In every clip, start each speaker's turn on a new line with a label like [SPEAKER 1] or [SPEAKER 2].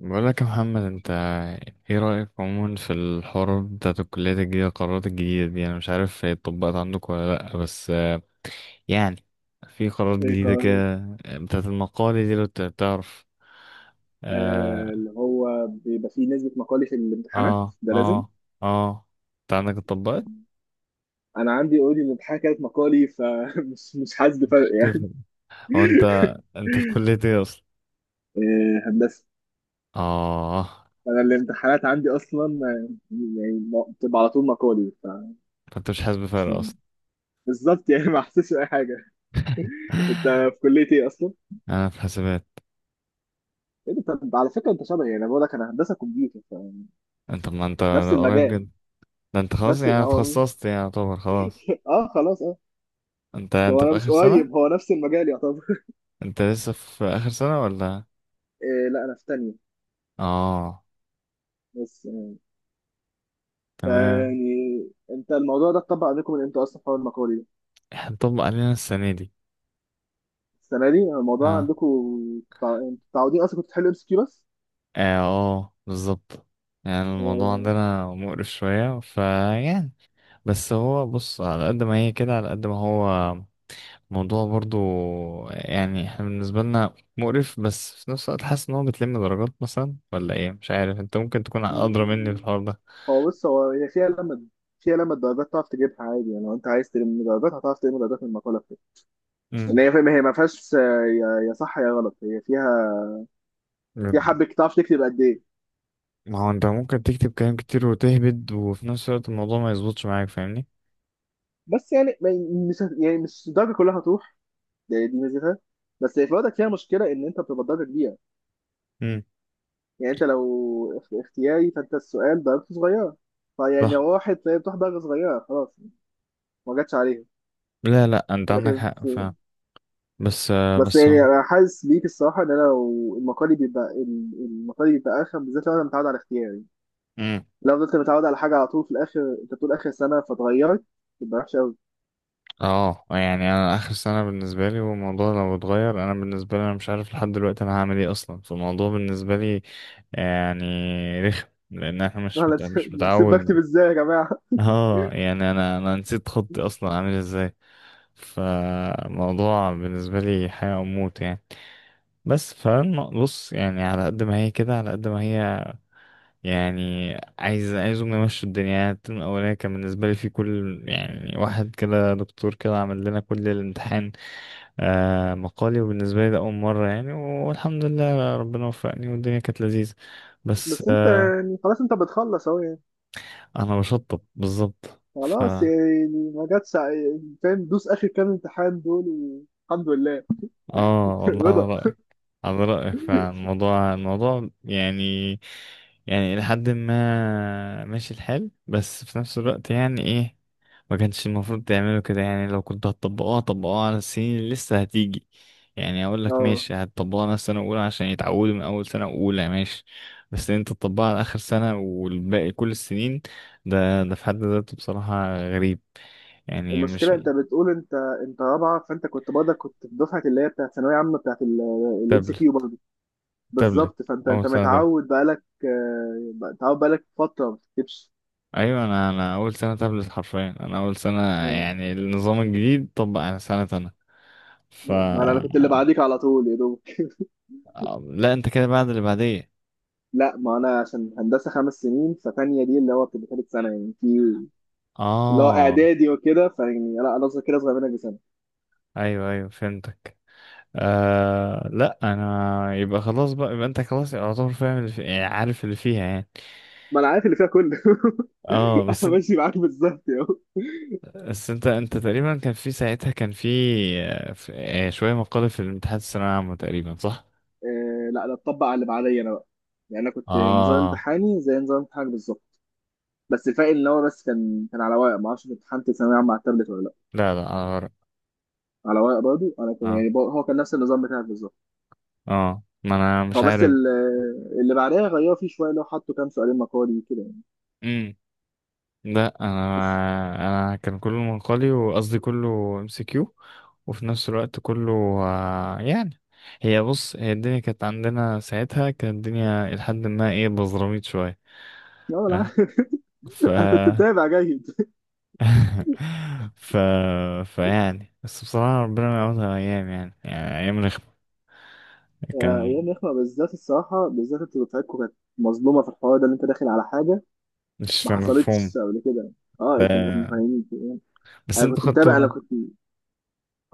[SPEAKER 1] بقولك يا محمد، انت ايه رأيك عموما في الحوار بتاعت الكليات الجديدة، القرارات الجديدة دي؟ انا مش عارف هي اتطبقت عندك ولا لأ، بس يعني في قرارات جديدة
[SPEAKER 2] ايقاعي.
[SPEAKER 1] كده بتاعت المقالة دي، لو تعرف. اه
[SPEAKER 2] اللي هو بيبقى فيه نسبة مقالي في الامتحانات،
[SPEAKER 1] اه
[SPEAKER 2] ده لازم.
[SPEAKER 1] اه اه. انت عندك اتطبقت؟
[SPEAKER 2] انا عندي اوريدي الامتحان كانت مقالي، فمش مش حاسس بفرق
[SPEAKER 1] مش
[SPEAKER 2] يعني.
[SPEAKER 1] تفهم. هو انت، انت في كلية ايه اصلا؟
[SPEAKER 2] آه، هندسة.
[SPEAKER 1] اه.
[SPEAKER 2] انا الامتحانات عندي اصلا، يعني بتبقى على طول مقالي ف...
[SPEAKER 1] انت مش حاسس بفرق اصلا؟
[SPEAKER 2] بالظبط يعني ما حسيتش باي حاجة. انت في كلية ايه اصلا؟
[SPEAKER 1] انا في حسابات.
[SPEAKER 2] إيه ده؟ طب على فكرة انت شبهي، يعني بقول لك انا هندسة كمبيوتر،
[SPEAKER 1] انت ما انت
[SPEAKER 2] فنفس
[SPEAKER 1] قريب
[SPEAKER 2] المجال.
[SPEAKER 1] جدا. ده انت خلاص
[SPEAKER 2] نفس
[SPEAKER 1] يعني
[SPEAKER 2] هو.
[SPEAKER 1] اتخصصت، يعني يعتبر خلاص.
[SPEAKER 2] اه خلاص اه.
[SPEAKER 1] انت
[SPEAKER 2] بس هو
[SPEAKER 1] انت
[SPEAKER 2] انا
[SPEAKER 1] في
[SPEAKER 2] مش
[SPEAKER 1] اخر سنة؟
[SPEAKER 2] قريب، هو نفس المجال يعتبر
[SPEAKER 1] انت لسه في اخر سنة ولا؟
[SPEAKER 2] إيه، لا انا في تانية
[SPEAKER 1] اه،
[SPEAKER 2] بس.
[SPEAKER 1] تمام.
[SPEAKER 2] فيعني انت الموضوع ده اتطبق عندكم من امتى اصلا، حوار المقالي ده؟
[SPEAKER 1] احنا نطبق علينا السنة دي.
[SPEAKER 2] السنه دي الموضوع
[SPEAKER 1] اه
[SPEAKER 2] عندكم. انتوا متعودين اصلا كنتوا تحلوا MCQ بس.
[SPEAKER 1] اه، بالظبط. يعني الموضوع
[SPEAKER 2] آه،
[SPEAKER 1] عندنا مقرف شوية، فيعني بس هو بص، على قد ما هي كده على قد ما هو موضوع برضو. يعني احنا بالنسبة لنا مقرف، بس في نفس الوقت حاسس ان هو بتلم درجات مثلا ولا ايه، مش عارف، انت ممكن تكون ادرى مني في الحوار ده.
[SPEAKER 2] هو بص، هي فيها لما الدرجات تعرف تجيبها عادي. يعني لو انت عايز تلم درجات، هتعرف تلم درجات من المقاله بتاعتك.
[SPEAKER 1] امم.
[SPEAKER 2] ان هي فاهم، هي ما فيهاش يا صح يا غلط، هي فيها حبه تعرف تكتب قد ايه.
[SPEAKER 1] ما هو انت ممكن تكتب كلام كتير وتهبد، وفي نفس الوقت الموضوع ما يظبطش معاك، فاهمني؟
[SPEAKER 2] بس يعني مش يعني مش الدرجه كلها هتروح، دي ميزتها. بس هي في الوقت فيها مشكله ان انت بتبقى درجه كبيره.
[SPEAKER 1] امم،
[SPEAKER 2] يعني انت لو اختياري، فانت السؤال درجته صغيره، فيعني
[SPEAKER 1] صح.
[SPEAKER 2] لو راحت، فهي بتروح درجه صغيره خلاص، ما جاتش عليها.
[SPEAKER 1] لا لا، انت عندك
[SPEAKER 2] ولكن...
[SPEAKER 1] حق، فاهم. بس
[SPEAKER 2] بس
[SPEAKER 1] بس.
[SPEAKER 2] يعني انا حاسس بيك الصراحه، ان انا لو المقالي بيبقى المقالي بيبقى ارخم، بالذات لو انا متعود على اختياري.
[SPEAKER 1] امم.
[SPEAKER 2] لو فضلت متعود على حاجه على طول، في الاخر انت بتقول اخر سنه فتغيرت، تبقى وحشه قوي.
[SPEAKER 1] اه، يعني انا اخر سنه بالنسبه لي، والموضوع لو اتغير انا بالنسبه لي، انا مش عارف لحد دلوقتي انا هعمل ايه اصلا، فالموضوع بالنسبه لي يعني رخم، لان احنا
[SPEAKER 2] انا نسيب
[SPEAKER 1] مش
[SPEAKER 2] نسيب بكتب
[SPEAKER 1] متعود.
[SPEAKER 2] ازاي يا جماعه؟
[SPEAKER 1] اه، يعني انا نسيت خطي اصلا عامل ازاي، فالموضوع بالنسبه لي حياه او موت يعني. بس فبص، يعني على قد ما هي كده على قد ما هي، يعني عايزهم يمشوا الدنيا. يعني الترم الأولاني كان بالنسبة لي في كل، يعني واحد كده دكتور كده عمل لنا كل الامتحان مقالي، وبالنسبة لي ده أول مرة يعني، والحمد لله ربنا وفقني والدنيا كانت لذيذة، بس
[SPEAKER 2] بس انت يعني خلاص، انت بتخلص اهو يعني.
[SPEAKER 1] أنا بشطب بالظبط.
[SPEAKER 2] خلاص يعني ما جاتش فاهم، دوس اخر كام امتحان دول والحمد لله.
[SPEAKER 1] اه والله، على
[SPEAKER 2] رضا.
[SPEAKER 1] رأيك، على رأيك فعلا، الموضوع الموضوع يعني، يعني إلى حد ما ماشي الحال، بس في نفس الوقت يعني إيه، ما كانش المفروض تعملوا كده. يعني لو كنتوا هتطبقوها، طبقوها على السنين اللي لسه هتيجي، يعني أقول لك
[SPEAKER 2] اه،
[SPEAKER 1] ماشي، هتطبقوها على السنة الأولى عشان يتعودوا من أول سنة أولى، ماشي، بس إن أنت تطبقها على آخر سنة والباقي كل السنين، ده ده في حد ذاته بصراحة غريب. يعني مش
[SPEAKER 2] المشكله انت بتقول انت رابعه، فانت كنت برضه كنت في دفعه اللي هي بتاعت ثانويه عامه، بتاعت الـMCQ
[SPEAKER 1] تابلت،
[SPEAKER 2] برضه.
[SPEAKER 1] تابلت
[SPEAKER 2] بالظبط، فانت
[SPEAKER 1] أول
[SPEAKER 2] انت
[SPEAKER 1] سنة.
[SPEAKER 2] متعود بقالك متعود بقالك فتره ما بتكتبش.
[SPEAKER 1] ايوه، انا اول سنه تابلت حرفيا، انا اول سنه،
[SPEAKER 2] ما...
[SPEAKER 1] يعني النظام الجديد طبق على سنه انا. ف
[SPEAKER 2] ما انا كنت اللي بعديك على طول يا دوب
[SPEAKER 1] لا، انت كده بعد اللي بعديه.
[SPEAKER 2] لا ما انا عشان هندسه 5 سنين، فتانية دي اللي هو بتبقى ثالث سنه يعني، في اللي هو
[SPEAKER 1] اه،
[SPEAKER 2] اعدادي وكده، فيعني لا انا اصلا كده صغير منك بسنه.
[SPEAKER 1] ايوه ايوه فهمتك. آه لا، انا يبقى خلاص بقى، يبقى انت خلاص يعتبر فاهم يعني عارف اللي فيها يعني.
[SPEAKER 2] ما انا عارف اللي فيها كله.
[SPEAKER 1] اه بس
[SPEAKER 2] انا
[SPEAKER 1] انت،
[SPEAKER 2] ماشي معاك بالظبط يا هو.
[SPEAKER 1] انت تقريبا كان في ساعتها، كان في آه، في- شويه مقالب في الامتحانات الثانويه العامه تقريبا، صح؟
[SPEAKER 2] آه، لا ده اتطبق على اللي بعدي انا بقى. يعني انا كنت نظام
[SPEAKER 1] اه
[SPEAKER 2] امتحاني زي نظام امتحانك بالظبط. بس الفرق ان هو بس كان على ورق، ما اعرفش امتحنت ثانويه عامه على التابلت ولا لا.
[SPEAKER 1] لا لا، أنا غلط.
[SPEAKER 2] على ورق برضه انا، كان يعني
[SPEAKER 1] اه
[SPEAKER 2] هو كان نفس النظام بتاعك بالظبط.
[SPEAKER 1] اه، ما انا
[SPEAKER 2] هو
[SPEAKER 1] مش
[SPEAKER 2] بس
[SPEAKER 1] عارف.
[SPEAKER 2] ال- اللي بعدها غيروا فيه شويه، لو حطوا كام سؤالين مقالي كده يعني.
[SPEAKER 1] لا انا
[SPEAKER 2] بس
[SPEAKER 1] انا كان كله منقلي، وقصدي كله ام سي كيو، وفي نفس الوقت كله يعني، هي بص، هي الدنيا كانت عندنا ساعتها، كانت الدنيا لحد ما ايه بزراميط شويه.
[SPEAKER 2] اه انا عارف.
[SPEAKER 1] آه، ف
[SPEAKER 2] انا كنت متابع جيد.
[SPEAKER 1] ف فيعني بس بصراحه، ربنا ما يعوضها ايام، يعني يعني ايام رخمه. كان
[SPEAKER 2] ايام يخمه بالذات، الصراحه بالذات انتوا دفعتكم كانت مظلومه في الحوار ده، اللي انت داخل على حاجه
[SPEAKER 1] مش
[SPEAKER 2] ما
[SPEAKER 1] مفهوم.
[SPEAKER 2] حصلتش قبل كده. اه
[SPEAKER 1] ف...
[SPEAKER 2] انت ما كنتش فاهمين يعني.
[SPEAKER 1] بس
[SPEAKER 2] انا
[SPEAKER 1] انتوا
[SPEAKER 2] كنت متابع، انا
[SPEAKER 1] خدتوا،
[SPEAKER 2] كنت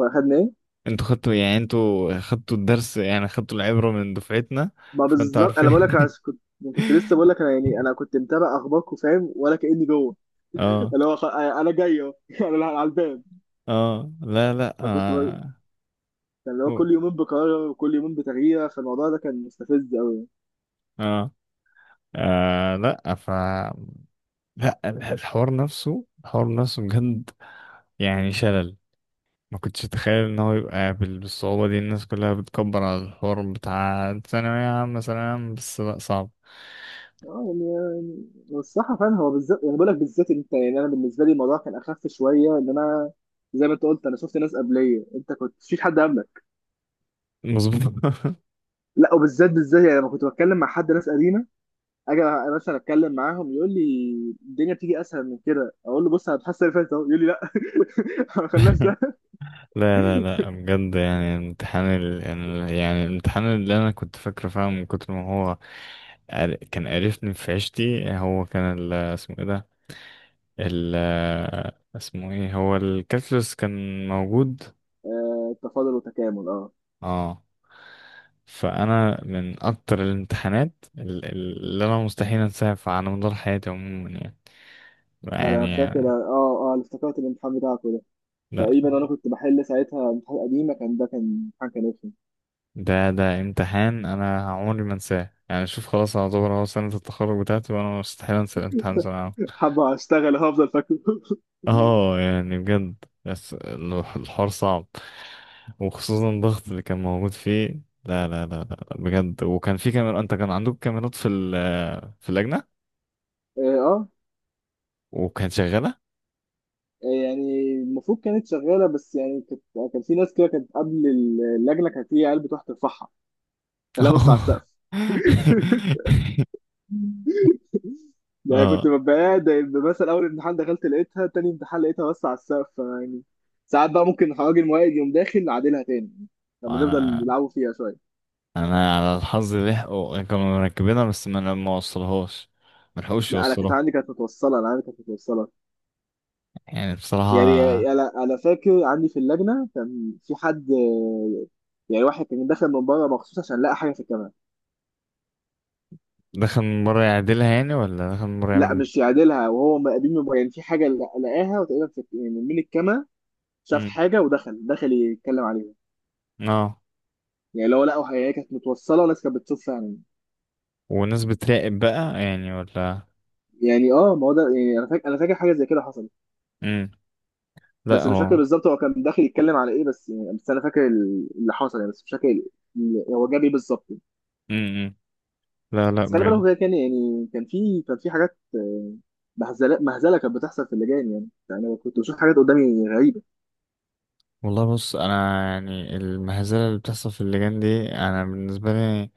[SPEAKER 2] اخدنا ايه؟
[SPEAKER 1] انتوا خدتوا يعني، انتوا خدتوا الدرس، يعني خدتوا العبره من دفعتنا،
[SPEAKER 2] ما
[SPEAKER 1] فانتوا
[SPEAKER 2] بالظبط، انا بقول لك
[SPEAKER 1] عارفين.
[SPEAKER 2] أنا كنت لسه بقول لك انا يعني كنت متابع اخباركم، فاهم ولا كاني جوه.
[SPEAKER 1] اه
[SPEAKER 2] اللي هو انا جاي اهو انا على الباب.
[SPEAKER 1] اه، لا لا،
[SPEAKER 2] فكنت ب...
[SPEAKER 1] آه.
[SPEAKER 2] كان اللي هو
[SPEAKER 1] أوه.
[SPEAKER 2] كل يومين بقرار وكل يومين بتغيير، فالموضوع ده كان مستفز قوي.
[SPEAKER 1] اه، آه، لا، لا الحوار نفسه، الحوار نفسه بجد، يعني شلل. ما كنتش اتخيل ان هو يبقى بالصعوبة دي، الناس كلها بتكبر على الحوار بتاع ثانوية عامة، ثانوية عامة بس؟ لا، صعب.
[SPEAKER 2] اه، يعني الصراحه فعلا هو بالذات، يعني بقول لك بالذات انت، يعني انا بالنسبه لي الموضوع كان اخف شويه، ان انا زي ما انت قلت، انا شفت ناس قبليه، انت كنت مفيش حد قبلك.
[SPEAKER 1] مظبوط.
[SPEAKER 2] لا وبالذات بالذات يعني لما كنت بتكلم مع حد، ناس قديمه، اجي مثلا اتكلم معاهم، يقول لي الدنيا بتيجي اسهل من كده، اقول له بص انا بحس اللي فاتت اهو، يقول لي لا ما خلناش ده.
[SPEAKER 1] لا لا لا، بجد، يعني امتحان يعني الامتحان اللي انا كنت فاكره فعلا، من كتر ما هو كان قرفني في عيشتي، هو كان اسمه ايه ده، ال اسمه ايه، هو الكالكولس كان موجود.
[SPEAKER 2] آه، تفاضل وتكامل اه.
[SPEAKER 1] اه، فانا من اكتر الامتحانات اللي انا مستحيل انساها، على مدار حياتي عموما
[SPEAKER 2] انا
[SPEAKER 1] يعني
[SPEAKER 2] فاكر،
[SPEAKER 1] يعني.
[SPEAKER 2] اه اه انا افتكرت الامتحان بتاعكم ده،
[SPEAKER 1] لا،
[SPEAKER 2] تقريبا انا كنت بحل ساعتها امتحان قديمه، كان ده كان امتحان كان رخم.
[SPEAKER 1] ده امتحان انا عمري ما انساه، يعني شوف خلاص، اعتبر هو سنة التخرج بتاعتي، وانا مستحيل انسى الامتحان ده.
[SPEAKER 2] حابه اشتغل هفضل فاكره
[SPEAKER 1] اه، يعني بجد، بس الحوار صعب، وخصوصا الضغط اللي كان موجود فيه. لا لا لا لا لا، بجد. وكان في كاميرا، انت كان عندك كاميرات في في اللجنة،
[SPEAKER 2] اه،
[SPEAKER 1] وكانت شغالة.
[SPEAKER 2] يعني المفروض كانت شغاله، بس يعني كانت كان في ناس كده كانت قبل، اللجنه كانت، هي عيال بتروح ترفعها، تلبس على
[SPEAKER 1] اه
[SPEAKER 2] السقف يعني.
[SPEAKER 1] اه،
[SPEAKER 2] كنت ببقى قاعد مثلا، اول امتحان دخلت لقيتها، تاني امتحان لقيتها بس على السقف يعني. ساعات بقى ممكن راجل موائد يقوم داخل نعدلها تاني، لما
[SPEAKER 1] انا
[SPEAKER 2] نفضل نلعبوا فيها شويه.
[SPEAKER 1] انا على الحظ لحقوا كانوا مركبينها، بس ما وصلهاش، ما لحقوش
[SPEAKER 2] لا انا كانت
[SPEAKER 1] يوصلوها.
[SPEAKER 2] عندي كانت متوصله، انا عندي كانت متوصله
[SPEAKER 1] يعني
[SPEAKER 2] يعني.
[SPEAKER 1] بصراحة،
[SPEAKER 2] انا فاكر عندي في اللجنه كان في حد، يعني واحد كان داخل من بره مخصوص عشان لقى حاجه في الكاميرا.
[SPEAKER 1] دخل من بره يعدلها يعني، ولا دخل من بره
[SPEAKER 2] لا
[SPEAKER 1] يعمل؟
[SPEAKER 2] مش يعدلها وهو مقابل من بره، يعني في حاجه لقاها، وتقريبا يعني من الكاميرا شاف
[SPEAKER 1] مم.
[SPEAKER 2] حاجه، ودخل يتكلم عليها.
[SPEAKER 1] اه،
[SPEAKER 2] يعني لو لقوا، هي كانت متوصله والناس كانت بتشوف فعلا
[SPEAKER 1] وناس بتراقب بقى يعني ولا؟
[SPEAKER 2] يعني. اه ما هو ده يعني، انا فاكر حاجه زي كده حصلت.
[SPEAKER 1] امم. لا،
[SPEAKER 2] بس مش فاكر
[SPEAKER 1] هو.
[SPEAKER 2] بالظبط هو كان داخل يتكلم على ايه، بس يعني بس انا فاكر اللي حصل يعني، بس مش فاكر هو جاب ايه بالظبط.
[SPEAKER 1] امم. لا لا،
[SPEAKER 2] بس خلي بالك
[SPEAKER 1] بجد.
[SPEAKER 2] هو كده كان يعني، كان في حاجات، مهزله مهزله كانت بتحصل في اللجان يعني. أنا كنت بشوف حاجات قدامي غريبه.
[SPEAKER 1] والله بص، انا يعني المهزله اللي بتحصل في اللجان دي، انا بالنسبه لي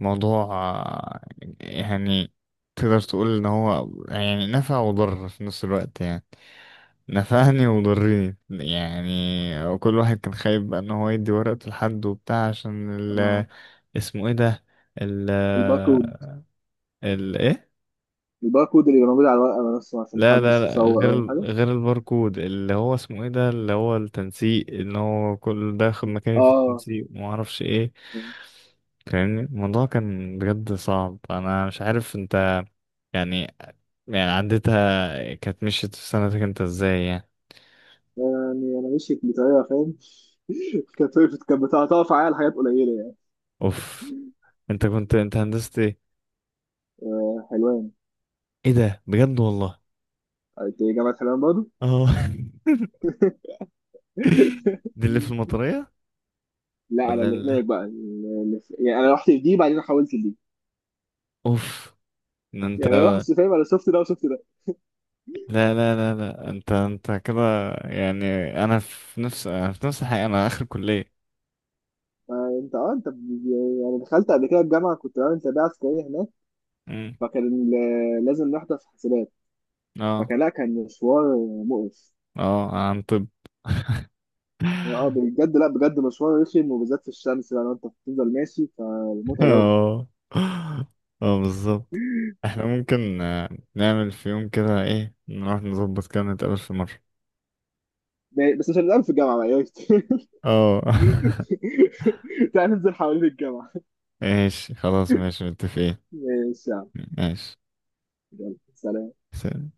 [SPEAKER 1] موضوع، يعني، تقدر تقول ان هو يعني نفع وضر في نفس الوقت يعني، نفعني وضرني. يعني كل واحد كان خايف بقى ان هو يدي ورقته لحد وبتاع، عشان
[SPEAKER 2] اه،
[SPEAKER 1] اسمه ايه ده، ال
[SPEAKER 2] الباركود.
[SPEAKER 1] ال ايه؟
[SPEAKER 2] الباركود اللي كان موجود على الورقه نفسه عشان
[SPEAKER 1] لا لا
[SPEAKER 2] محدش
[SPEAKER 1] لا،
[SPEAKER 2] يصور
[SPEAKER 1] غير
[SPEAKER 2] او حاجه.
[SPEAKER 1] غير الباركود، اللي هو اسمه ايه ده، اللي هو التنسيق، ان هو كل ده ياخد مكاني في
[SPEAKER 2] اه
[SPEAKER 1] التنسيق وما اعرفش ايه، فاهمني؟ الموضوع كان بجد صعب. انا مش عارف انت يعني، يعني عدتها كانت مشيت في سنتك انت ازاي يعني؟
[SPEAKER 2] يعني انا مشيت بطريقه فاهم كانت وقفت، كانت بتقطع عليا حاجات قليله يعني.
[SPEAKER 1] اوف. انت كنت، انت هندسة ايه؟
[SPEAKER 2] آه، حلوان.
[SPEAKER 1] ايه ده، بجد والله.
[SPEAKER 2] انت إيه، جامعه حلوان برضه؟
[SPEAKER 1] اه. دي اللي في المطرية
[SPEAKER 2] لا انا
[SPEAKER 1] ولا
[SPEAKER 2] اللي
[SPEAKER 1] اللي؟
[SPEAKER 2] هناك بقى، يعني انا رحت دي بعدين حولت لدي.
[SPEAKER 1] اوف. ده انت،
[SPEAKER 2] يعني انا رحت، فاهم، انا شفت ده وشفت ده.
[SPEAKER 1] لا لا لا لا، انت كده، يعني انا في نفس، الحقيقة انا اخر كلية.
[SPEAKER 2] انت اه انت ب- يعني دخلت قبل كده الجامعه، كنت بعمل تربيه عسكريه هناك،
[SPEAKER 1] امم.
[SPEAKER 2] فكان لازم نحضر حسابات،
[SPEAKER 1] اه
[SPEAKER 2] فكان، لا كان مشوار مقرف.
[SPEAKER 1] اه، عن طب.
[SPEAKER 2] اه بجد، لا بجد مشوار رخم، وبالذات في الشمس بقى، لو انت بتفضل ماشي فمتعب قوي.
[SPEAKER 1] اه اه، بالظبط. احنا ممكن نعمل في يوم كده ايه، نروح نظبط كده، نتقابل في مرة.
[SPEAKER 2] بس مش هنلعب في الجامعه بقى يا ريت.
[SPEAKER 1] اه.
[SPEAKER 2] تعال ننزل حوالين الجامعه.
[SPEAKER 1] ماشي، خلاص ماشي، متفقين.
[SPEAKER 2] ماشي يا عم.
[SPEAKER 1] ماشي.
[SPEAKER 2] يلا سلام.
[SPEAKER 1] سلام.